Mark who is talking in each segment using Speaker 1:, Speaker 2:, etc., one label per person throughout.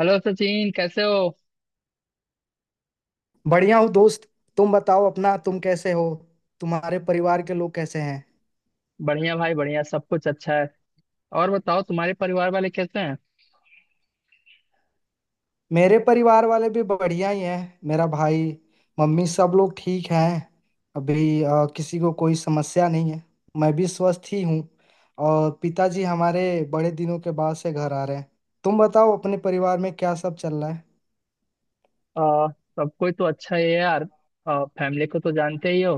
Speaker 1: Hello Sachin कैसे हो।
Speaker 2: बढ़िया हो दोस्त। तुम बताओ अपना, तुम कैसे हो? तुम्हारे परिवार के लोग कैसे हैं?
Speaker 1: बढ़िया भाई बढ़िया, सब कुछ अच्छा है। और बताओ तुम्हारे परिवार वाले कैसे हैं?
Speaker 2: मेरे परिवार वाले भी बढ़िया ही हैं। मेरा भाई, मम्मी, सब लोग ठीक हैं। अभी किसी को कोई समस्या नहीं है। मैं भी स्वस्थ ही हूँ। और पिताजी हमारे बड़े दिनों के बाद से घर आ रहे हैं। तुम बताओ, अपने परिवार में क्या सब चल रहा है?
Speaker 1: आ, सब कोई तो अच्छा ही है यार। फैमिली को तो जानते ही हो।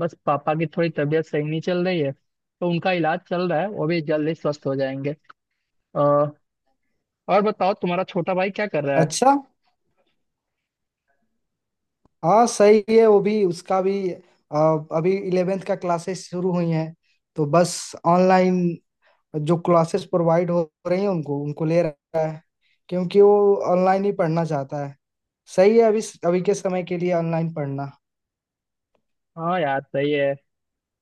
Speaker 1: बस पापा की थोड़ी तबीयत सही नहीं चल रही है, तो उनका इलाज चल रहा है, वो भी जल्द ही स्वस्थ हो जाएंगे। आ, और बताओ तुम्हारा छोटा भाई क्या कर रहा है?
Speaker 2: अच्छा। हाँ सही है, वो भी, उसका भी अभी इलेवेंथ का क्लासेस शुरू हुई हैं। तो बस ऑनलाइन जो क्लासेस प्रोवाइड हो रही हैं उनको उनको ले रहा है। क्योंकि वो ऑनलाइन ही पढ़ना चाहता है। सही है अभी, अभी के समय के लिए ऑनलाइन पढ़ना।
Speaker 1: हाँ यार, सही है।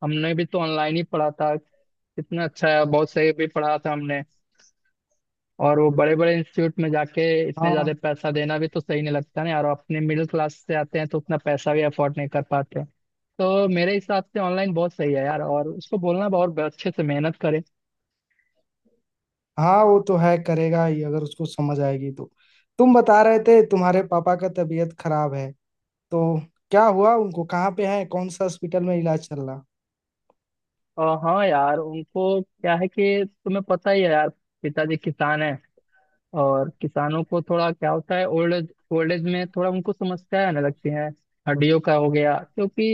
Speaker 1: हमने भी तो ऑनलाइन ही पढ़ा था। कितना अच्छा है, बहुत सही भी पढ़ा था हमने। और वो बड़े बड़े इंस्टीट्यूट में जाके इतने ज्यादा
Speaker 2: हाँ।
Speaker 1: पैसा देना भी तो सही नहीं लगता ना यार। और अपने मिडिल क्लास से आते हैं तो उतना पैसा भी अफोर्ड नहीं कर पाते। तो मेरे हिसाब से ऑनलाइन बहुत सही है यार, और उसको बोलना बहुत अच्छे से मेहनत करें।
Speaker 2: हाँ वो तो है, करेगा ही अगर उसको समझ आएगी तो। तुम बता रहे थे तुम्हारे पापा का तबीयत खराब है, तो क्या हुआ उनको? कहाँ पे है, कौन सा हॉस्पिटल में इलाज चल रहा?
Speaker 1: और हाँ यार, उनको क्या है कि तुम्हें पता ही है यार। पिताजी किसान हैं, और किसानों को थोड़ा क्या होता है, ओल्ड एज में थोड़ा उनको समस्याएं आने लगती हैं। हड्डियों का हो गया, क्योंकि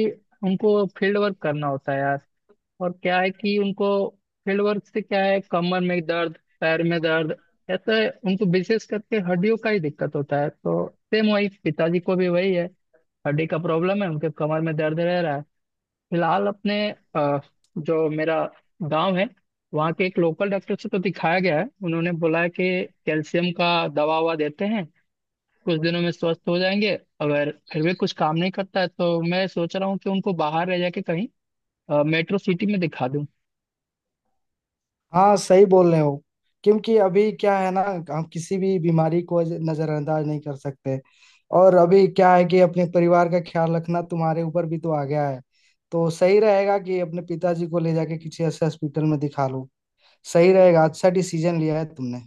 Speaker 1: उनको फील्ड वर्क करना होता है यार। और क्या है कि उनको फील्ड वर्क से क्या है, कमर में दर्द, पैर में दर्द, ऐसा। उनको विशेष करके हड्डियों का ही दिक्कत होता है, तो सेम वही पिताजी को भी वही है। हड्डी का प्रॉब्लम है, उनके कमर में दर्द रह रहा है। फिलहाल अपने अ, जो मेरा गांव है, वहाँ के एक लोकल डॉक्टर से तो दिखाया गया है। उन्होंने बोला है कि कैल्शियम का दवा ववा देते हैं, कुछ दिनों में स्वस्थ हो जाएंगे। अगर फिर भी कुछ काम नहीं करता है तो मैं सोच रहा हूँ कि उनको बाहर रह जाके कहीं मेट्रो सिटी में दिखा दूँ।
Speaker 2: हाँ सही बोल रहे हो। क्योंकि अभी क्या है ना, हम किसी भी बीमारी को नजरअंदाज नहीं कर सकते। और अभी क्या है कि अपने परिवार का ख्याल रखना तुम्हारे ऊपर भी तो आ गया है। तो सही रहेगा कि अपने पिताजी को ले जाके किसी ऐसे हॉस्पिटल में दिखा लो। सही रहेगा, अच्छा डिसीजन लिया है तुमने।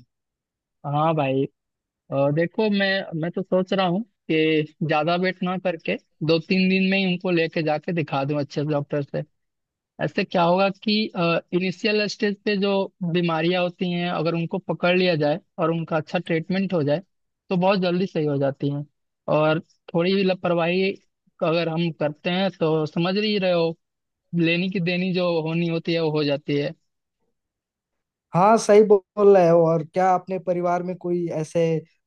Speaker 1: हाँ भाई, देखो, मैं तो सोच रहा हूँ कि ज्यादा वेट ना करके दो तीन दिन में ही उनको लेके जाके दिखा दूं अच्छे से डॉक्टर से। ऐसे क्या होगा कि इनिशियल स्टेज पे जो बीमारियां होती हैं, अगर उनको पकड़ लिया जाए और उनका अच्छा ट्रीटमेंट हो जाए तो बहुत जल्दी सही हो जाती हैं। और थोड़ी भी लापरवाही अगर हम करते हैं तो समझ ही रहे हो, लेनी की देनी जो होनी होती है वो हो जाती है।
Speaker 2: हाँ सही बोल रहे हो। और क्या अपने परिवार में कोई ऐसे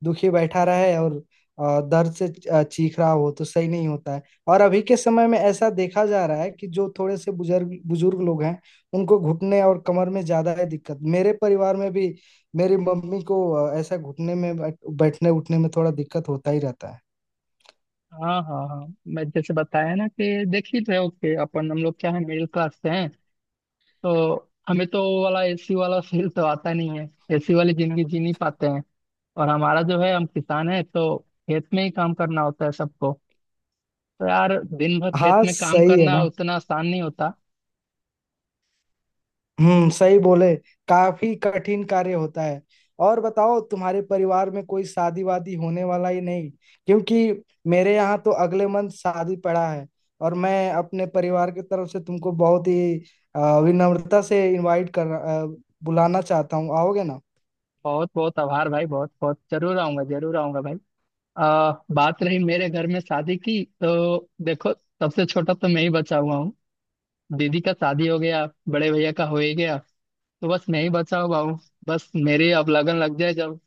Speaker 2: दुखी बैठा रहे और दर्द से चीख रहा हो तो सही नहीं होता है। और अभी के समय में ऐसा देखा जा रहा है कि जो थोड़े से बुजुर्ग बुजुर्ग लोग हैं, उनको घुटने और कमर में ज्यादा है दिक्कत। मेरे परिवार में भी मेरी मम्मी को ऐसा घुटने में बैठने उठने में थोड़ा दिक्कत होता ही रहता है।
Speaker 1: हाँ हाँ हाँ। मैं जैसे बताया ना कि देख ही रहे हो कि अपन हम लोग क्या है, मिडिल क्लास से हैं। तो हमें तो वो वाला एसी वाला फील तो आता नहीं है, एसी वाली जिंदगी जी नहीं पाते हैं। और हमारा जो है, हम किसान है, तो खेत में ही काम करना होता है सबको। तो यार दिन भर खेत
Speaker 2: हाँ
Speaker 1: में काम
Speaker 2: सही है
Speaker 1: करना
Speaker 2: ना।
Speaker 1: उतना आसान नहीं होता।
Speaker 2: हम्म, सही बोले। काफी कठिन कार्य होता है। और बताओ, तुम्हारे परिवार में कोई शादी वादी होने वाला ही नहीं? क्योंकि मेरे यहाँ तो अगले मंथ शादी पड़ा है। और मैं अपने परिवार की तरफ से तुमको बहुत ही विनम्रता से बुलाना चाहता हूँ, आओगे ना?
Speaker 1: बहुत बहुत आभार भाई, बहुत बहुत, जरूर आऊंगा, जरूर आऊंगा भाई। बात रही मेरे घर में शादी की, तो देखो सबसे छोटा तो मैं ही बचा हुआ हूँ। दीदी का शादी हो गया, बड़े भैया का हो ही गया, तो बस मैं ही बचा हुआ हूँ। बस मेरी अब लगन लग जाए जब।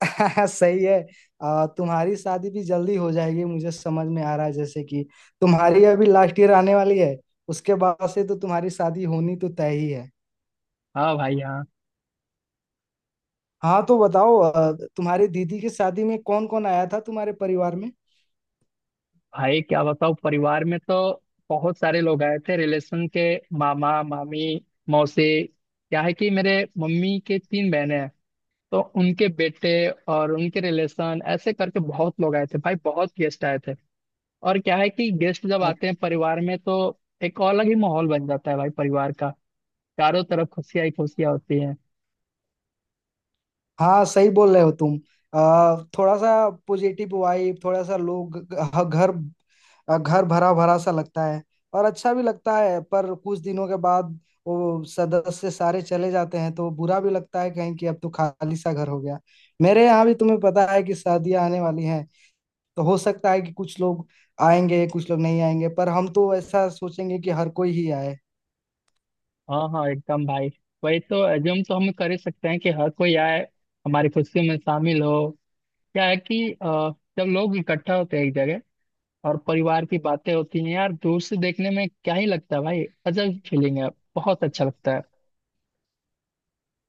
Speaker 2: सही है। तुम्हारी शादी भी जल्दी हो जाएगी, मुझे समझ में आ रहा है। जैसे कि तुम्हारी अभी लास्ट ईयर आने वाली है, उसके बाद से तो तुम्हारी शादी होनी तो तय ही है।
Speaker 1: हाँ भाई हाँ।
Speaker 2: हाँ तो बताओ, तुम्हारी दीदी की शादी में कौन कौन आया था तुम्हारे परिवार में?
Speaker 1: भाई क्या बताओ, परिवार में तो बहुत सारे लोग आए थे रिलेशन के। मामा मामी मौसी, क्या है कि मेरे मम्मी के तीन बहनें हैं, तो उनके बेटे और उनके रिलेशन ऐसे करके बहुत लोग आए थे भाई, बहुत गेस्ट आए थे। और क्या है कि गेस्ट जब
Speaker 2: अ-
Speaker 1: आते हैं परिवार में तो एक अलग ही माहौल बन जाता है भाई परिवार का। चारों तरफ खुशियां ही खुशियां होती हैं।
Speaker 2: हाँ सही बोल रहे हो तुम। थोड़ा सा पॉजिटिव वाइब, थोड़ा सा लोग घर, घर भरा भरा सा लगता है। और अच्छा भी लगता है, पर कुछ दिनों के बाद वो सदस्य सारे चले जाते हैं तो बुरा भी लगता है कहीं कि अब तो खाली सा घर हो गया। मेरे यहाँ भी तुम्हें पता है कि शादियां आने वाली हैं। तो हो सकता है कि कुछ लोग आएंगे, कुछ लोग नहीं आएंगे, पर हम तो ऐसा सोचेंगे कि हर कोई ही आए।
Speaker 1: हाँ हाँ एकदम भाई। वही तो, एज्यूम तो हम कर ही सकते हैं कि हर कोई आए, हमारी खुशियों में शामिल हो। क्या है कि जब लोग इकट्ठा होते हैं एक जगह और परिवार की बातें होती हैं यार, दूर से देखने में क्या ही लगता है भाई, अजब फीलिंग है, बहुत अच्छा लगता है।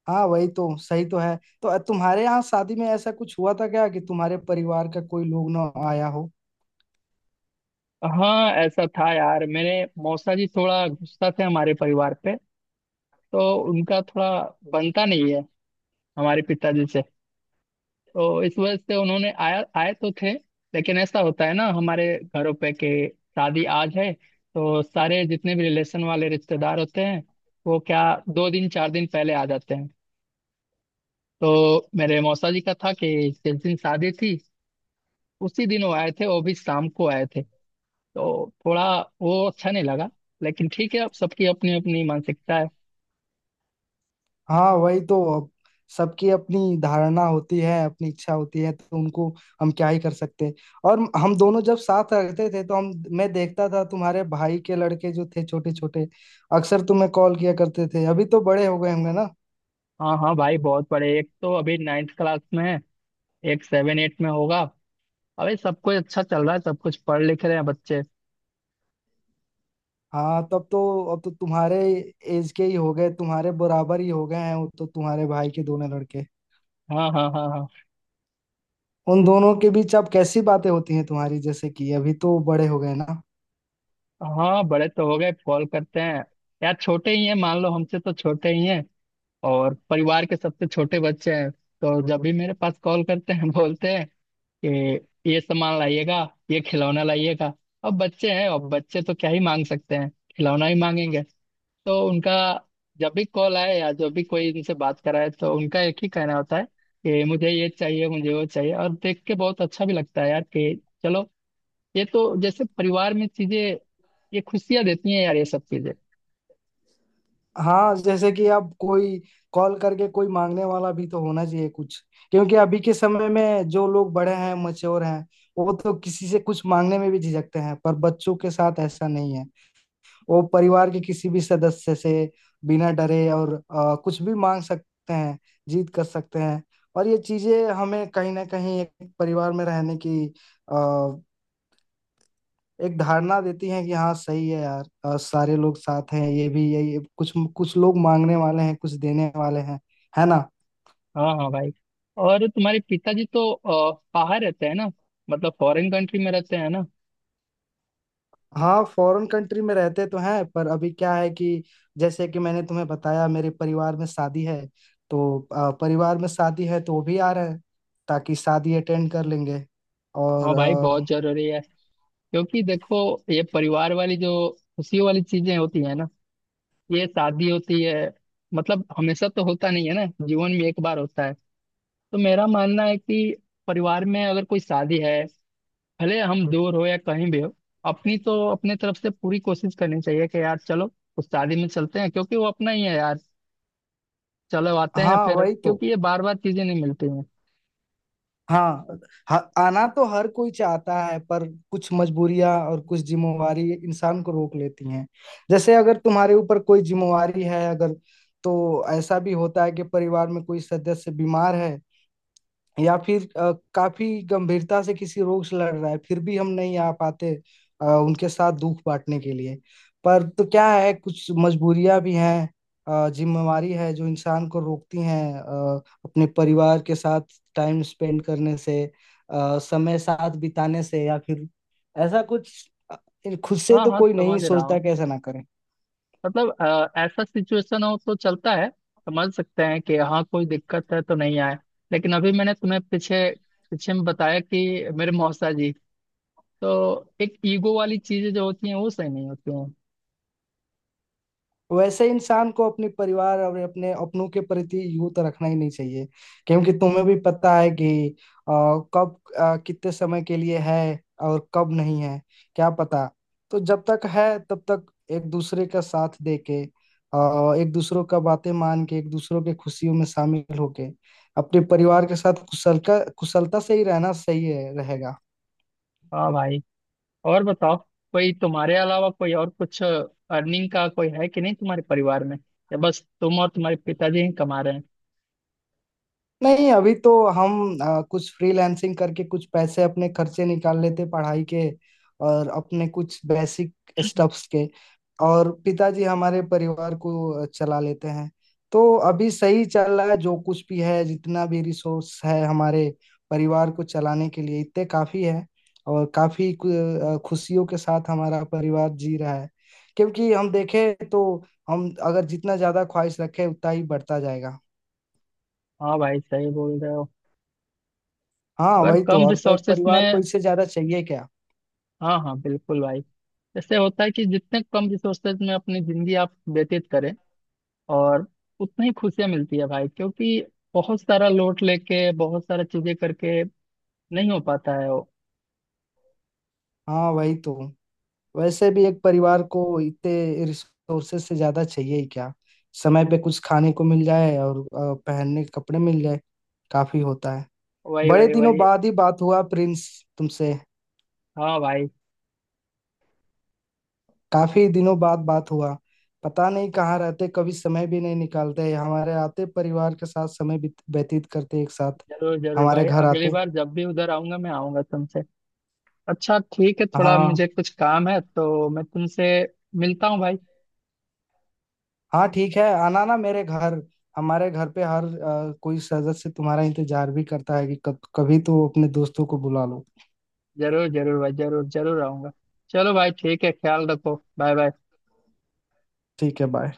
Speaker 2: हाँ वही तो, सही तो है। तो तुम्हारे यहाँ शादी में ऐसा कुछ हुआ था क्या कि तुम्हारे परिवार का कोई लोग ना आया हो?
Speaker 1: हाँ ऐसा था यार, मेरे मौसा जी थोड़ा गुस्सा थे हमारे परिवार पे। तो उनका थोड़ा बनता नहीं है हमारे पिताजी से। तो इस वजह से उन्होंने आया, आए तो थे। लेकिन ऐसा होता है ना हमारे घरों पे कि शादी आज है, तो सारे जितने भी रिलेशन वाले रिश्तेदार होते हैं वो क्या, दो दिन चार दिन पहले आ जाते हैं। तो मेरे मौसा जी का था कि जिस दिन शादी थी उसी दिन वो आए थे, वो भी शाम को आए थे। तो थोड़ा वो अच्छा नहीं लगा। लेकिन ठीक है, अब सबकी अपनी अपनी मानसिकता है।
Speaker 2: हाँ वही तो अब, सबकी अपनी धारणा होती है, अपनी इच्छा होती है, तो उनको हम क्या ही कर सकते हैं। और हम दोनों जब साथ रहते थे तो हम, मैं देखता था तुम्हारे भाई के लड़के जो थे, छोटे छोटे अक्सर तुम्हें कॉल किया करते थे। अभी तो बड़े हो गए होंगे ना?
Speaker 1: हाँ हाँ भाई, बहुत बड़े। एक तो अभी नाइन्थ क्लास में है, एक सेवन एट में होगा। अबे सब कुछ अच्छा चल रहा है, सब कुछ पढ़ लिख रहे हैं बच्चे।
Speaker 2: हाँ तब तो, अब तो तुम्हारे एज के ही हो गए, तुम्हारे बराबर ही हो गए हैं वो तो, तुम्हारे भाई के दोनों लड़के।
Speaker 1: हाँ हाँ हाँ हाँ।
Speaker 2: उन दोनों के बीच अब कैसी बातें होती हैं तुम्हारी, जैसे कि अभी तो बड़े हो गए ना?
Speaker 1: हाँ बड़े तो हो गए, कॉल करते हैं। यार छोटे ही हैं, मान लो हमसे तो छोटे ही हैं। और परिवार के सबसे छोटे बच्चे हैं, तो जब भी मेरे पास कॉल करते हैं बोलते हैं कि ये सामान लाइएगा, ये खिलौना लाइएगा। अब बच्चे हैं, और बच्चे तो क्या ही मांग सकते हैं, खिलौना ही मांगेंगे। तो उनका जब भी कॉल आए या जब भी कोई उनसे बात कराए तो उनका एक ही कहना होता है कि मुझे ये चाहिए, मुझे वो चाहिए। और देख के बहुत अच्छा भी लगता है यार कि चलो, ये तो जैसे परिवार में चीजें, ये खुशियां देती हैं यार ये सब चीजें।
Speaker 2: हाँ जैसे कि अब कोई कॉल करके कोई मांगने वाला भी तो होना चाहिए कुछ। क्योंकि अभी के समय में जो लोग बड़े हैं, मच्योर हैं, वो तो किसी से कुछ मांगने में भी झिझकते हैं। पर बच्चों के साथ ऐसा नहीं है। वो परिवार के किसी भी सदस्य से बिना डरे और कुछ भी मांग सकते हैं, जीत कर सकते हैं। और ये चीजें हमें कहीं ना कहीं एक परिवार में रहने की एक धारणा देती हैं कि हाँ सही है यार, और सारे लोग साथ हैं। ये भी यही, कुछ कुछ लोग मांगने वाले हैं, कुछ देने वाले हैं, है ना?
Speaker 1: हाँ हाँ भाई। और तुम्हारे पिताजी तो बाहर रहते हैं ना, मतलब फॉरेन कंट्री में रहते हैं ना।
Speaker 2: हाँ फॉरेन कंट्री में रहते तो हैं, पर अभी क्या है कि जैसे कि मैंने तुम्हें बताया, मेरे परिवार में शादी है। तो परिवार में शादी है तो वो भी आ रहे हैं, ताकि शादी अटेंड कर लेंगे। और
Speaker 1: हाँ भाई, बहुत जरूरी है। क्योंकि देखो, ये परिवार वाली जो खुशियों वाली चीजें होती है ना, ये शादी होती है, मतलब हमेशा तो होता नहीं है ना, जीवन में एक बार होता है। तो मेरा मानना है कि परिवार में अगर कोई शादी है, भले हम दूर हो या कहीं भी हो, अपनी तो अपने तरफ से पूरी कोशिश करनी चाहिए कि यार चलो, उस शादी में चलते हैं, क्योंकि वो अपना ही है यार। चलो आते हैं
Speaker 2: हाँ
Speaker 1: फिर,
Speaker 2: वही तो।
Speaker 1: क्योंकि ये बार बार चीजें नहीं मिलती हैं।
Speaker 2: हाँ, आना तो हर कोई चाहता है, पर कुछ मजबूरियां और कुछ जिम्मेवारी इंसान को रोक लेती हैं। जैसे अगर तुम्हारे ऊपर कोई जिम्मेवारी है अगर, तो ऐसा भी होता है कि परिवार में कोई सदस्य बीमार है या फिर काफी गंभीरता से किसी रोग से लड़ रहा है, फिर भी हम नहीं आ पाते उनके साथ दुख बांटने के लिए। पर तो क्या है, कुछ मजबूरियां भी हैं, जिम्मेवारी है जो इंसान को रोकती हैं अपने परिवार के साथ टाइम स्पेंड करने से, समय साथ बिताने से। या फिर ऐसा कुछ, खुद से
Speaker 1: हाँ
Speaker 2: तो
Speaker 1: हाँ,
Speaker 2: कोई नहीं
Speaker 1: समझ रहा
Speaker 2: सोचता
Speaker 1: हूँ।
Speaker 2: कैसा ना करे।
Speaker 1: मतलब ऐसा सिचुएशन हो तो चलता है, समझ सकते हैं कि हाँ कोई दिक्कत है तो नहीं आए। लेकिन अभी मैंने तुम्हें पीछे, पीछे में बताया कि मेरे मौसा जी, तो एक ईगो वाली चीजें जो होती हैं वो सही नहीं होती हैं।
Speaker 2: वैसे इंसान को अपने परिवार और अपने अपनों के प्रति यूं तो रखना ही नहीं चाहिए। क्योंकि तुम्हें भी पता है कि अ, कब, कितने समय के लिए है और कब नहीं है, क्या पता। तो जब तक है तब तक एक दूसरे का साथ दे के, एक दूसरों का बातें मान के, एक दूसरों के खुशियों में शामिल होके अपने परिवार के साथ कुशल का कुशलता से ही रहना सही है रहेगा।
Speaker 1: हाँ भाई, और बताओ कोई तुम्हारे अलावा कोई और कुछ अर्निंग का कोई है कि नहीं तुम्हारे परिवार में, या बस तुम और तुम्हारे पिताजी ही कमा रहे हैं?
Speaker 2: नहीं अभी तो हम कुछ फ्रीलांसिंग करके कुछ पैसे अपने खर्चे निकाल लेते पढ़ाई के और अपने कुछ बेसिक स्टफ्स के। और पिताजी हमारे परिवार को चला लेते हैं। तो अभी सही चल रहा है। जो कुछ भी है, जितना भी रिसोर्स है हमारे परिवार को चलाने के लिए इतने काफी है। और काफी खुशियों के साथ हमारा परिवार जी रहा है। क्योंकि हम देखें तो हम अगर जितना ज्यादा ख्वाहिश रखें उतना ही बढ़ता जाएगा।
Speaker 1: हाँ भाई सही बोल रहे हो।
Speaker 2: हाँ
Speaker 1: अगर
Speaker 2: वही तो,
Speaker 1: कम
Speaker 2: और एक
Speaker 1: रिसोर्सेस
Speaker 2: परिवार को
Speaker 1: में,
Speaker 2: इससे ज्यादा चाहिए क्या?
Speaker 1: हाँ हाँ बिल्कुल भाई, इससे होता है कि जितने कम रिसोर्सेज में अपनी जिंदगी आप व्यतीत करें और उतनी ही खुशियां मिलती है भाई, क्योंकि बहुत सारा लोड लेके बहुत सारा चीजें करके नहीं हो पाता है वो।
Speaker 2: हाँ वही तो, वैसे भी एक परिवार को इतने रिसोर्सेज से ज्यादा चाहिए ही क्या? समय पे कुछ खाने को मिल जाए और पहनने के कपड़े मिल जाए, काफी होता है।
Speaker 1: वही
Speaker 2: बड़े
Speaker 1: वही
Speaker 2: दिनों
Speaker 1: वही।
Speaker 2: बाद ही बात हुआ प्रिंस तुमसे।
Speaker 1: हाँ भाई।
Speaker 2: काफी दिनों बाद बात हुआ। पता नहीं कहाँ रहते, कभी समय भी नहीं निकालते हमारे आते परिवार के साथ समय व्यतीत करते एक साथ।
Speaker 1: जरूर जरूर
Speaker 2: हमारे
Speaker 1: भाई,
Speaker 2: घर
Speaker 1: अगली
Speaker 2: आते।
Speaker 1: बार जब भी उधर आऊंगा मैं आऊंगा तुमसे। अच्छा ठीक है, थोड़ा
Speaker 2: हाँ।
Speaker 1: मुझे कुछ काम है, तो मैं तुमसे मिलता हूँ भाई।
Speaker 2: हाँ ठीक है, आना ना मेरे घर। हमारे घर पे हर कोई सदस्य तुम्हारा इंतजार भी करता है कि कब कभी तो अपने दोस्तों को बुला लो।
Speaker 1: जरूर जरूर भाई, जरूर जरूर आऊंगा। चलो भाई ठीक है, ख्याल रखो, बाय बाय।
Speaker 2: ठीक है बाय।